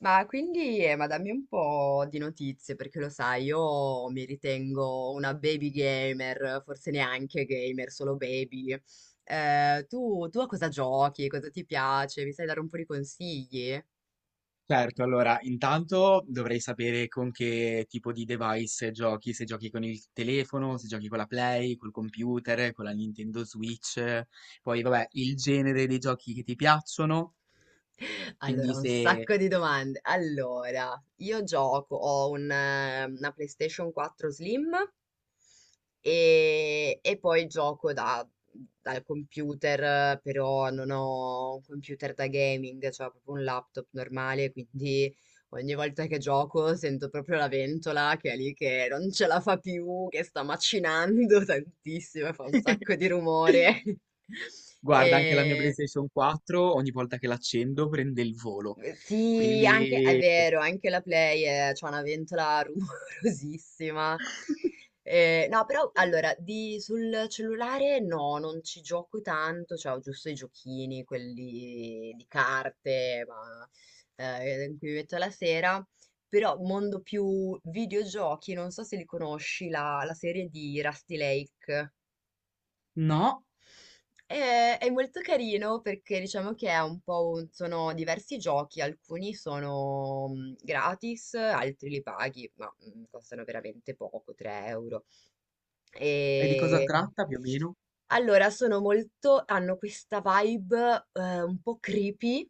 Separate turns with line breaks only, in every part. Ma quindi, dammi un po' di notizie, perché lo sai, io mi ritengo una baby gamer, forse neanche gamer, solo baby. Tu a cosa giochi? Cosa ti piace? Mi sai dare un po' di consigli?
Certo, allora, intanto dovrei sapere con che tipo di device giochi, se giochi con il telefono, se giochi con la Play, col computer, con la Nintendo Switch, poi vabbè, il genere dei giochi che ti piacciono,
Allora,
quindi
un
se
sacco di domande. Allora, io gioco, ho una PlayStation 4 Slim. E poi gioco dal computer, però non ho un computer da gaming, cioè ho proprio un laptop normale, quindi ogni volta che gioco sento proprio la ventola che è lì che non ce la fa più, che sta macinando tantissimo, e fa un sacco di rumore.
guarda anche la mia
E
PlayStation 4, ogni volta che l'accendo prende il volo,
sì, anche, è
quindi
vero, anche la Play c'ha una ventola rumorosissima. No, però allora, sul cellulare no, non ci gioco tanto, cioè ho giusto i giochini, quelli di carte, ma in cui mi metto la sera. Però mondo più videogiochi, non so se li conosci, la serie di Rusty Lake.
no,
È molto carino perché diciamo che è un po' sono diversi giochi, alcuni sono gratis, altri li paghi, ma costano veramente poco, 3 euro.
e di cosa
E
tratta più o meno?
allora sono molto, hanno questa vibe un po' creepy,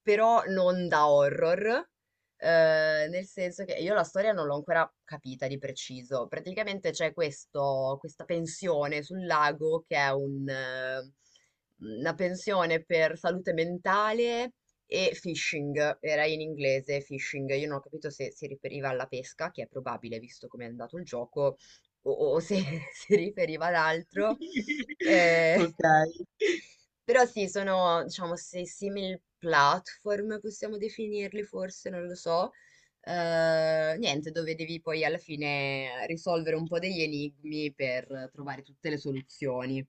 però non da horror, nel senso che io la storia non l'ho ancora capita di preciso. Praticamente c'è questo, questa pensione sul lago che è una pensione per salute mentale e fishing, era in inglese fishing, io non ho capito se si riferiva alla pesca, che è probabile visto come è andato il gioco, o se si riferiva ad altro. Eh,
Ok.
Però sì, sono, diciamo, se simil platform, possiamo definirli forse, non lo so. Niente, dove devi poi alla fine risolvere un po' degli enigmi per trovare tutte le soluzioni.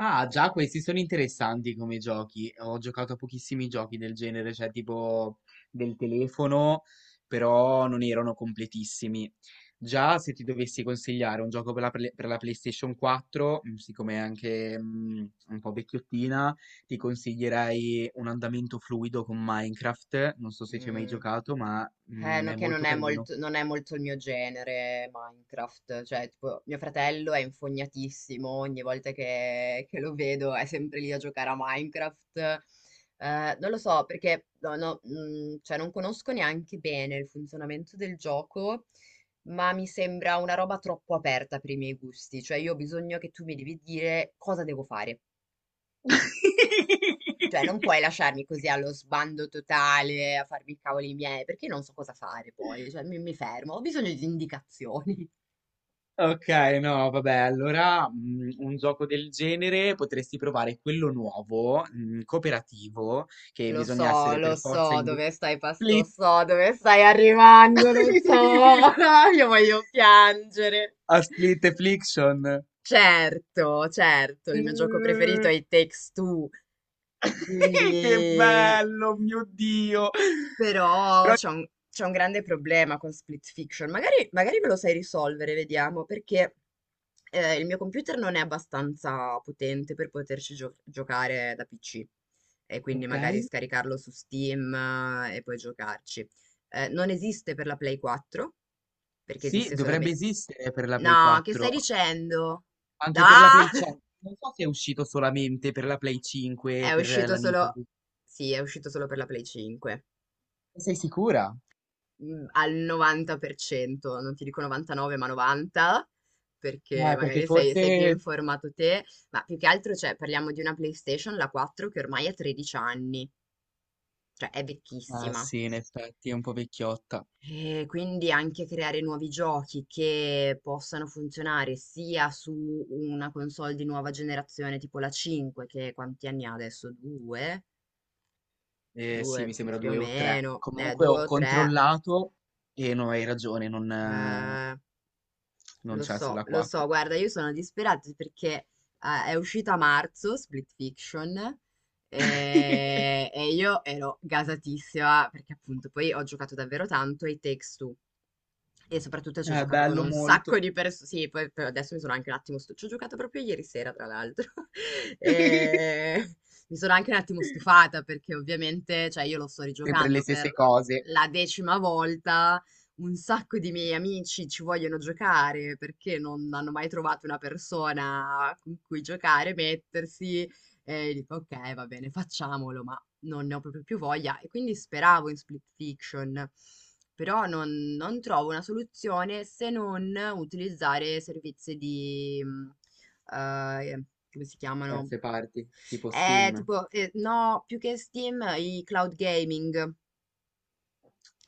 Ah, già, questi sono interessanti come giochi. Ho giocato a pochissimi giochi del genere, cioè tipo del telefono, però non erano completissimi. Già, se ti dovessi consigliare un gioco per la, Play- per la PlayStation 4, siccome è anche un po' vecchiottina, ti consiglierei un andamento fluido con Minecraft. Non so se ci hai mai
Mm.
giocato, ma
No,
è
che non
molto
è
carino.
molto, non è molto il mio genere Minecraft, cioè tipo mio fratello è infognatissimo, ogni volta che lo vedo è sempre lì a giocare a Minecraft. Non lo so perché no, no, cioè, non conosco neanche bene il funzionamento del gioco, ma mi sembra una roba troppo aperta per i miei gusti, cioè io ho bisogno che tu mi devi dire cosa devo fare. Cioè, non puoi lasciarmi così allo sbando totale, a farmi i cavoli miei, perché non so cosa fare poi, cioè mi fermo, ho bisogno di indicazioni.
Ok, no, vabbè, allora un gioco del genere potresti provare quello nuovo, cooperativo, che
Lo
bisogna
so,
essere per forza in due.
lo
Split!
so dove stai arrivando, lo so, io voglio piangere.
A Split Affliction.
Certo, certo, il mio gioco preferito
Eh,
è i Takes Two,
Che
quindi.
bello, mio Dio!
Però
Però-
c'è un grande problema con Split Fiction. Magari, magari ve lo sai risolvere, vediamo, perché il mio computer non è abbastanza potente per poterci giocare da PC. E quindi
Ok,
magari scaricarlo su Steam e poi giocarci. Non esiste per la Play 4, perché
sì,
esiste
dovrebbe
solamente.
esistere per la Play
No, che stai
4,
dicendo? No!
anche per la Play 5. Non so se è uscito solamente per la Play 5 e
È
per
uscito
la
solo.
Nintendo.
Sì, è uscito solo per la Play 5.
Sei sicura?
Al 90%, non ti dico 99, ma 90, perché
Perché
magari sei più
forse
informato te, ma più che altro, cioè, parliamo di una PlayStation, la 4, che ormai ha 13 anni, cioè è
ah
vecchissima.
sì, in effetti è un po' vecchiotta.
E quindi anche creare nuovi giochi che possano funzionare sia su una console di nuova generazione tipo la 5, che quanti anni ha adesso? Due?
Sì,
Due
mi sembra
più o
due o tre.
meno,
Comunque
due
ho
o tre.
controllato e no, hai ragione,
eh,
non c'è sulla
Lo so,
4.
guarda, io sono disperata perché è uscita a marzo Split Fiction e, io ero gasatissima perché appunto poi ho giocato davvero tanto ai Takes Two e soprattutto ci ho
È
giocato con
bello
un sacco
molto.
di persone. Sì, poi adesso mi sono anche un attimo stu- ci ho giocato proprio ieri sera, tra l'altro. E mi sono anche un attimo stufata perché ovviamente, cioè, io lo sto
Sempre le
rigiocando per
stesse cose,
la decima volta. Un sacco di miei amici ci vogliono giocare perché non hanno mai trovato una persona con cui giocare, mettersi. E dico, ok, va bene, facciamolo, ma non ne ho proprio più voglia e quindi speravo in Split Fiction, però non trovo una soluzione se non utilizzare servizi di, eh, come si chiamano?
terze parti, tipo Sim.
Tipo, no, più che Steam, i cloud gaming.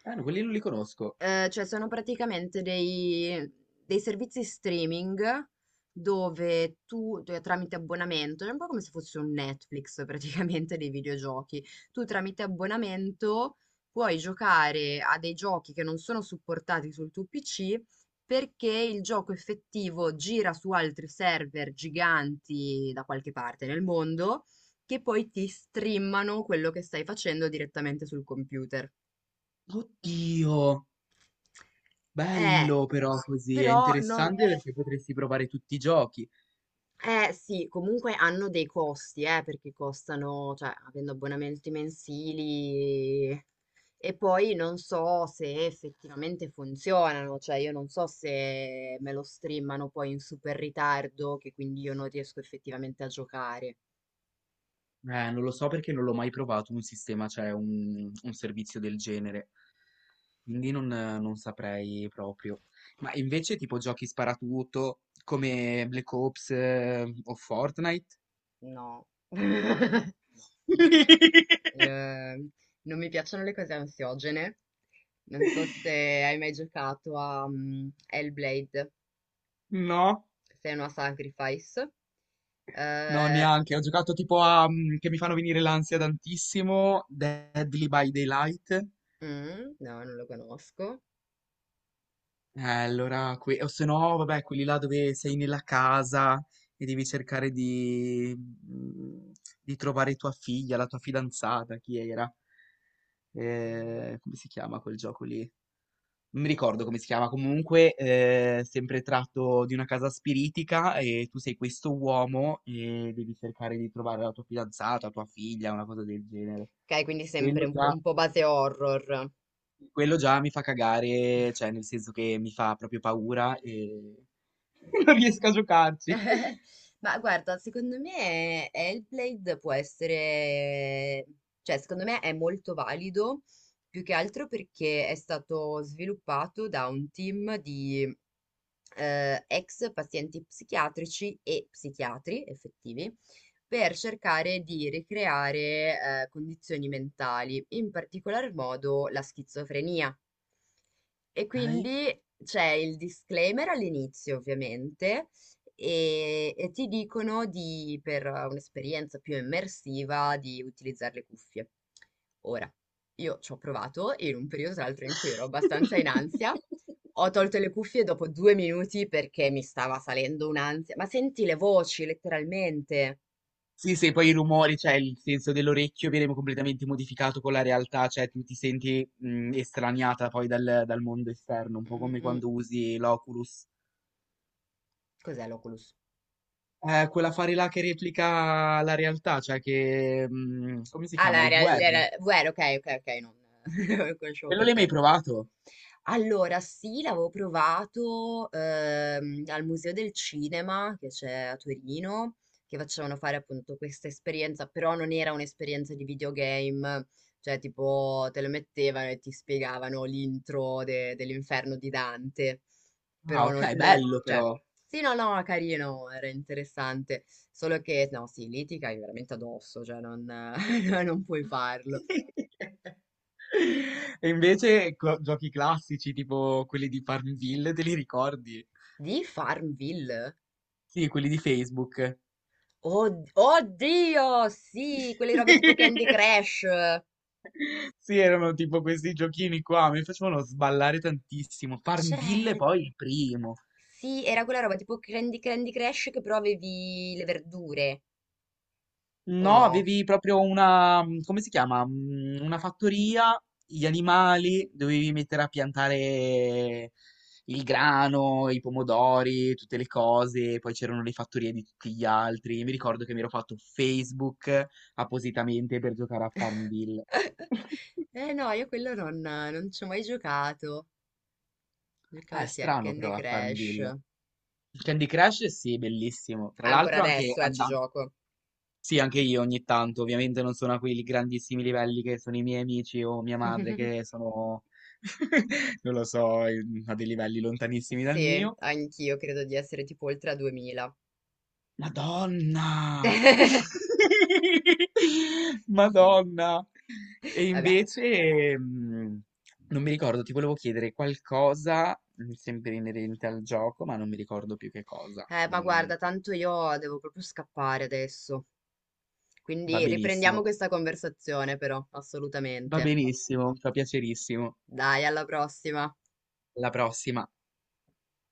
Ah, no, quelli non li conosco.
Cioè sono praticamente dei servizi streaming dove tramite abbonamento, è un po' come se fosse un Netflix praticamente dei videogiochi, tu tramite abbonamento puoi giocare a dei giochi che non sono supportati sul tuo PC perché il gioco effettivo gira su altri server giganti da qualche parte nel mondo che poi ti streamano quello che stai facendo direttamente sul computer.
Oddio,
Eh,
bello però così, è
Però non
interessante perché potresti provare tutti i giochi.
eh sì, comunque hanno dei costi, perché costano, cioè, avendo abbonamenti mensili e poi non so se effettivamente funzionano, cioè io non so se me lo streamano poi in super ritardo, che quindi io non riesco effettivamente a giocare.
Non lo so perché non l'ho mai provato un sistema, cioè un servizio del genere. Quindi non saprei proprio. Ma invece tipo giochi sparatutto come Black Ops o Fortnite?
No. No. Eh, Non mi piacciono le cose ansiogene. Non so se hai mai giocato a Hellblade.
No,
Senua Sacrifice.
no,
Eh,
neanche. Ho giocato tipo a che mi fanno venire l'ansia tantissimo, Deadly by Daylight.
no, non lo conosco.
Allora, que- o se no, vabbè, quelli là dove sei nella casa e devi cercare di, di trovare tua figlia, la tua fidanzata, chi era? Come si chiama quel gioco lì? Non mi ricordo come si chiama, comunque sempre tratto di una casa spiritica e tu sei questo uomo e devi cercare di trovare la tua fidanzata, tua figlia, una cosa del genere.
Ok, quindi sempre
Quello già,
un po' base horror.
quello già mi fa cagare, cioè nel senso che mi fa proprio paura e non riesco a giocarci.
Ma guarda, secondo me Hellblade può essere, cioè secondo me è molto valido, più che altro perché è stato sviluppato da un team di ex pazienti psichiatrici e psichiatri effettivi per cercare di ricreare condizioni mentali, in particolar modo la schizofrenia. E
Dai.
quindi c'è il disclaimer all'inizio, ovviamente, e ti dicono per un'esperienza più immersiva di utilizzare le cuffie. Ora, io ci ho provato in un periodo tra l'altro in cui ero abbastanza in ansia. Ho tolto le cuffie dopo 2 minuti perché mi stava salendo un'ansia. Ma senti le voci, letteralmente.
Sì, sì, poi i rumori, cioè il senso dell'orecchio viene completamente modificato con la realtà, cioè tu ti senti estraniata poi dal mondo esterno, un po'
Mm,
come
mm. Mm.
quando usi l'Oculus.
Cos'è l'Oculus?
Quell'affare là che replica la realtà, cioè che... come si
Ah,
chiama? Il VR.
VR, ok, ok, ok, non, non conoscevo
Quello
quel
l'hai mai
termine.
provato?
Allora sì, l'avevo provato, al Museo del Cinema che c'è a Torino, che facevano fare appunto questa esperienza, però non era un'esperienza di videogame, cioè tipo te lo mettevano e ti spiegavano l'intro dell'Inferno di Dante,
Ah,
però non,
ok,
non-
bello
cioè,
però.
sì, no, no, carino, era interessante, solo che, no, sì, lì ti cai veramente addosso, cioè non non puoi farlo.
E invece co- giochi classici tipo quelli di Farmville, te li ricordi?
Di Farmville?
Sì, quelli di Facebook.
Oddio, sì, quelle robe tipo Candy Crush.
Sì, erano tipo questi giochini qua, mi facevano sballare tantissimo. Farmville
Certo,
poi il primo.
sì, era quella roba tipo Candy Crush che però avevi le verdure, o
No,
no?
avevi proprio una, come si chiama? Una fattoria, gli animali, dovevi mettere a piantare il grano, i pomodori, tutte le cose, poi c'erano le fattorie di tutti gli altri. Mi ricordo che mi ero fatto Facebook appositamente per giocare a Farmville.
Eh no, io quello non ci ho mai giocato. Giocavo
È
sì a
strano
Candy
però a
Crush.
Farmville. Candy Crush sì, bellissimo. Tra
Ancora
l'altro anche
adesso, ci
andando
gioco.
sì, anche io ogni tanto, ovviamente non sono a quei grandissimi livelli che sono i miei amici o mia madre che sono, non lo so, in- a dei livelli lontanissimi dal
Sì,
mio.
anch'io credo di essere tipo oltre a 2000.
Madonna!
Sì,
Madonna! E
vabbè.
invece, non mi ricordo, ti volevo chiedere qualcosa, sempre inerente al gioco, ma non mi ricordo più che cosa.
Ma
Mm,
guarda, tanto io devo proprio scappare adesso.
va
Quindi riprendiamo
benissimo,
questa conversazione però,
va
assolutamente.
benissimo, fa piacerissimo.
Dai, alla prossima.
Alla prossima.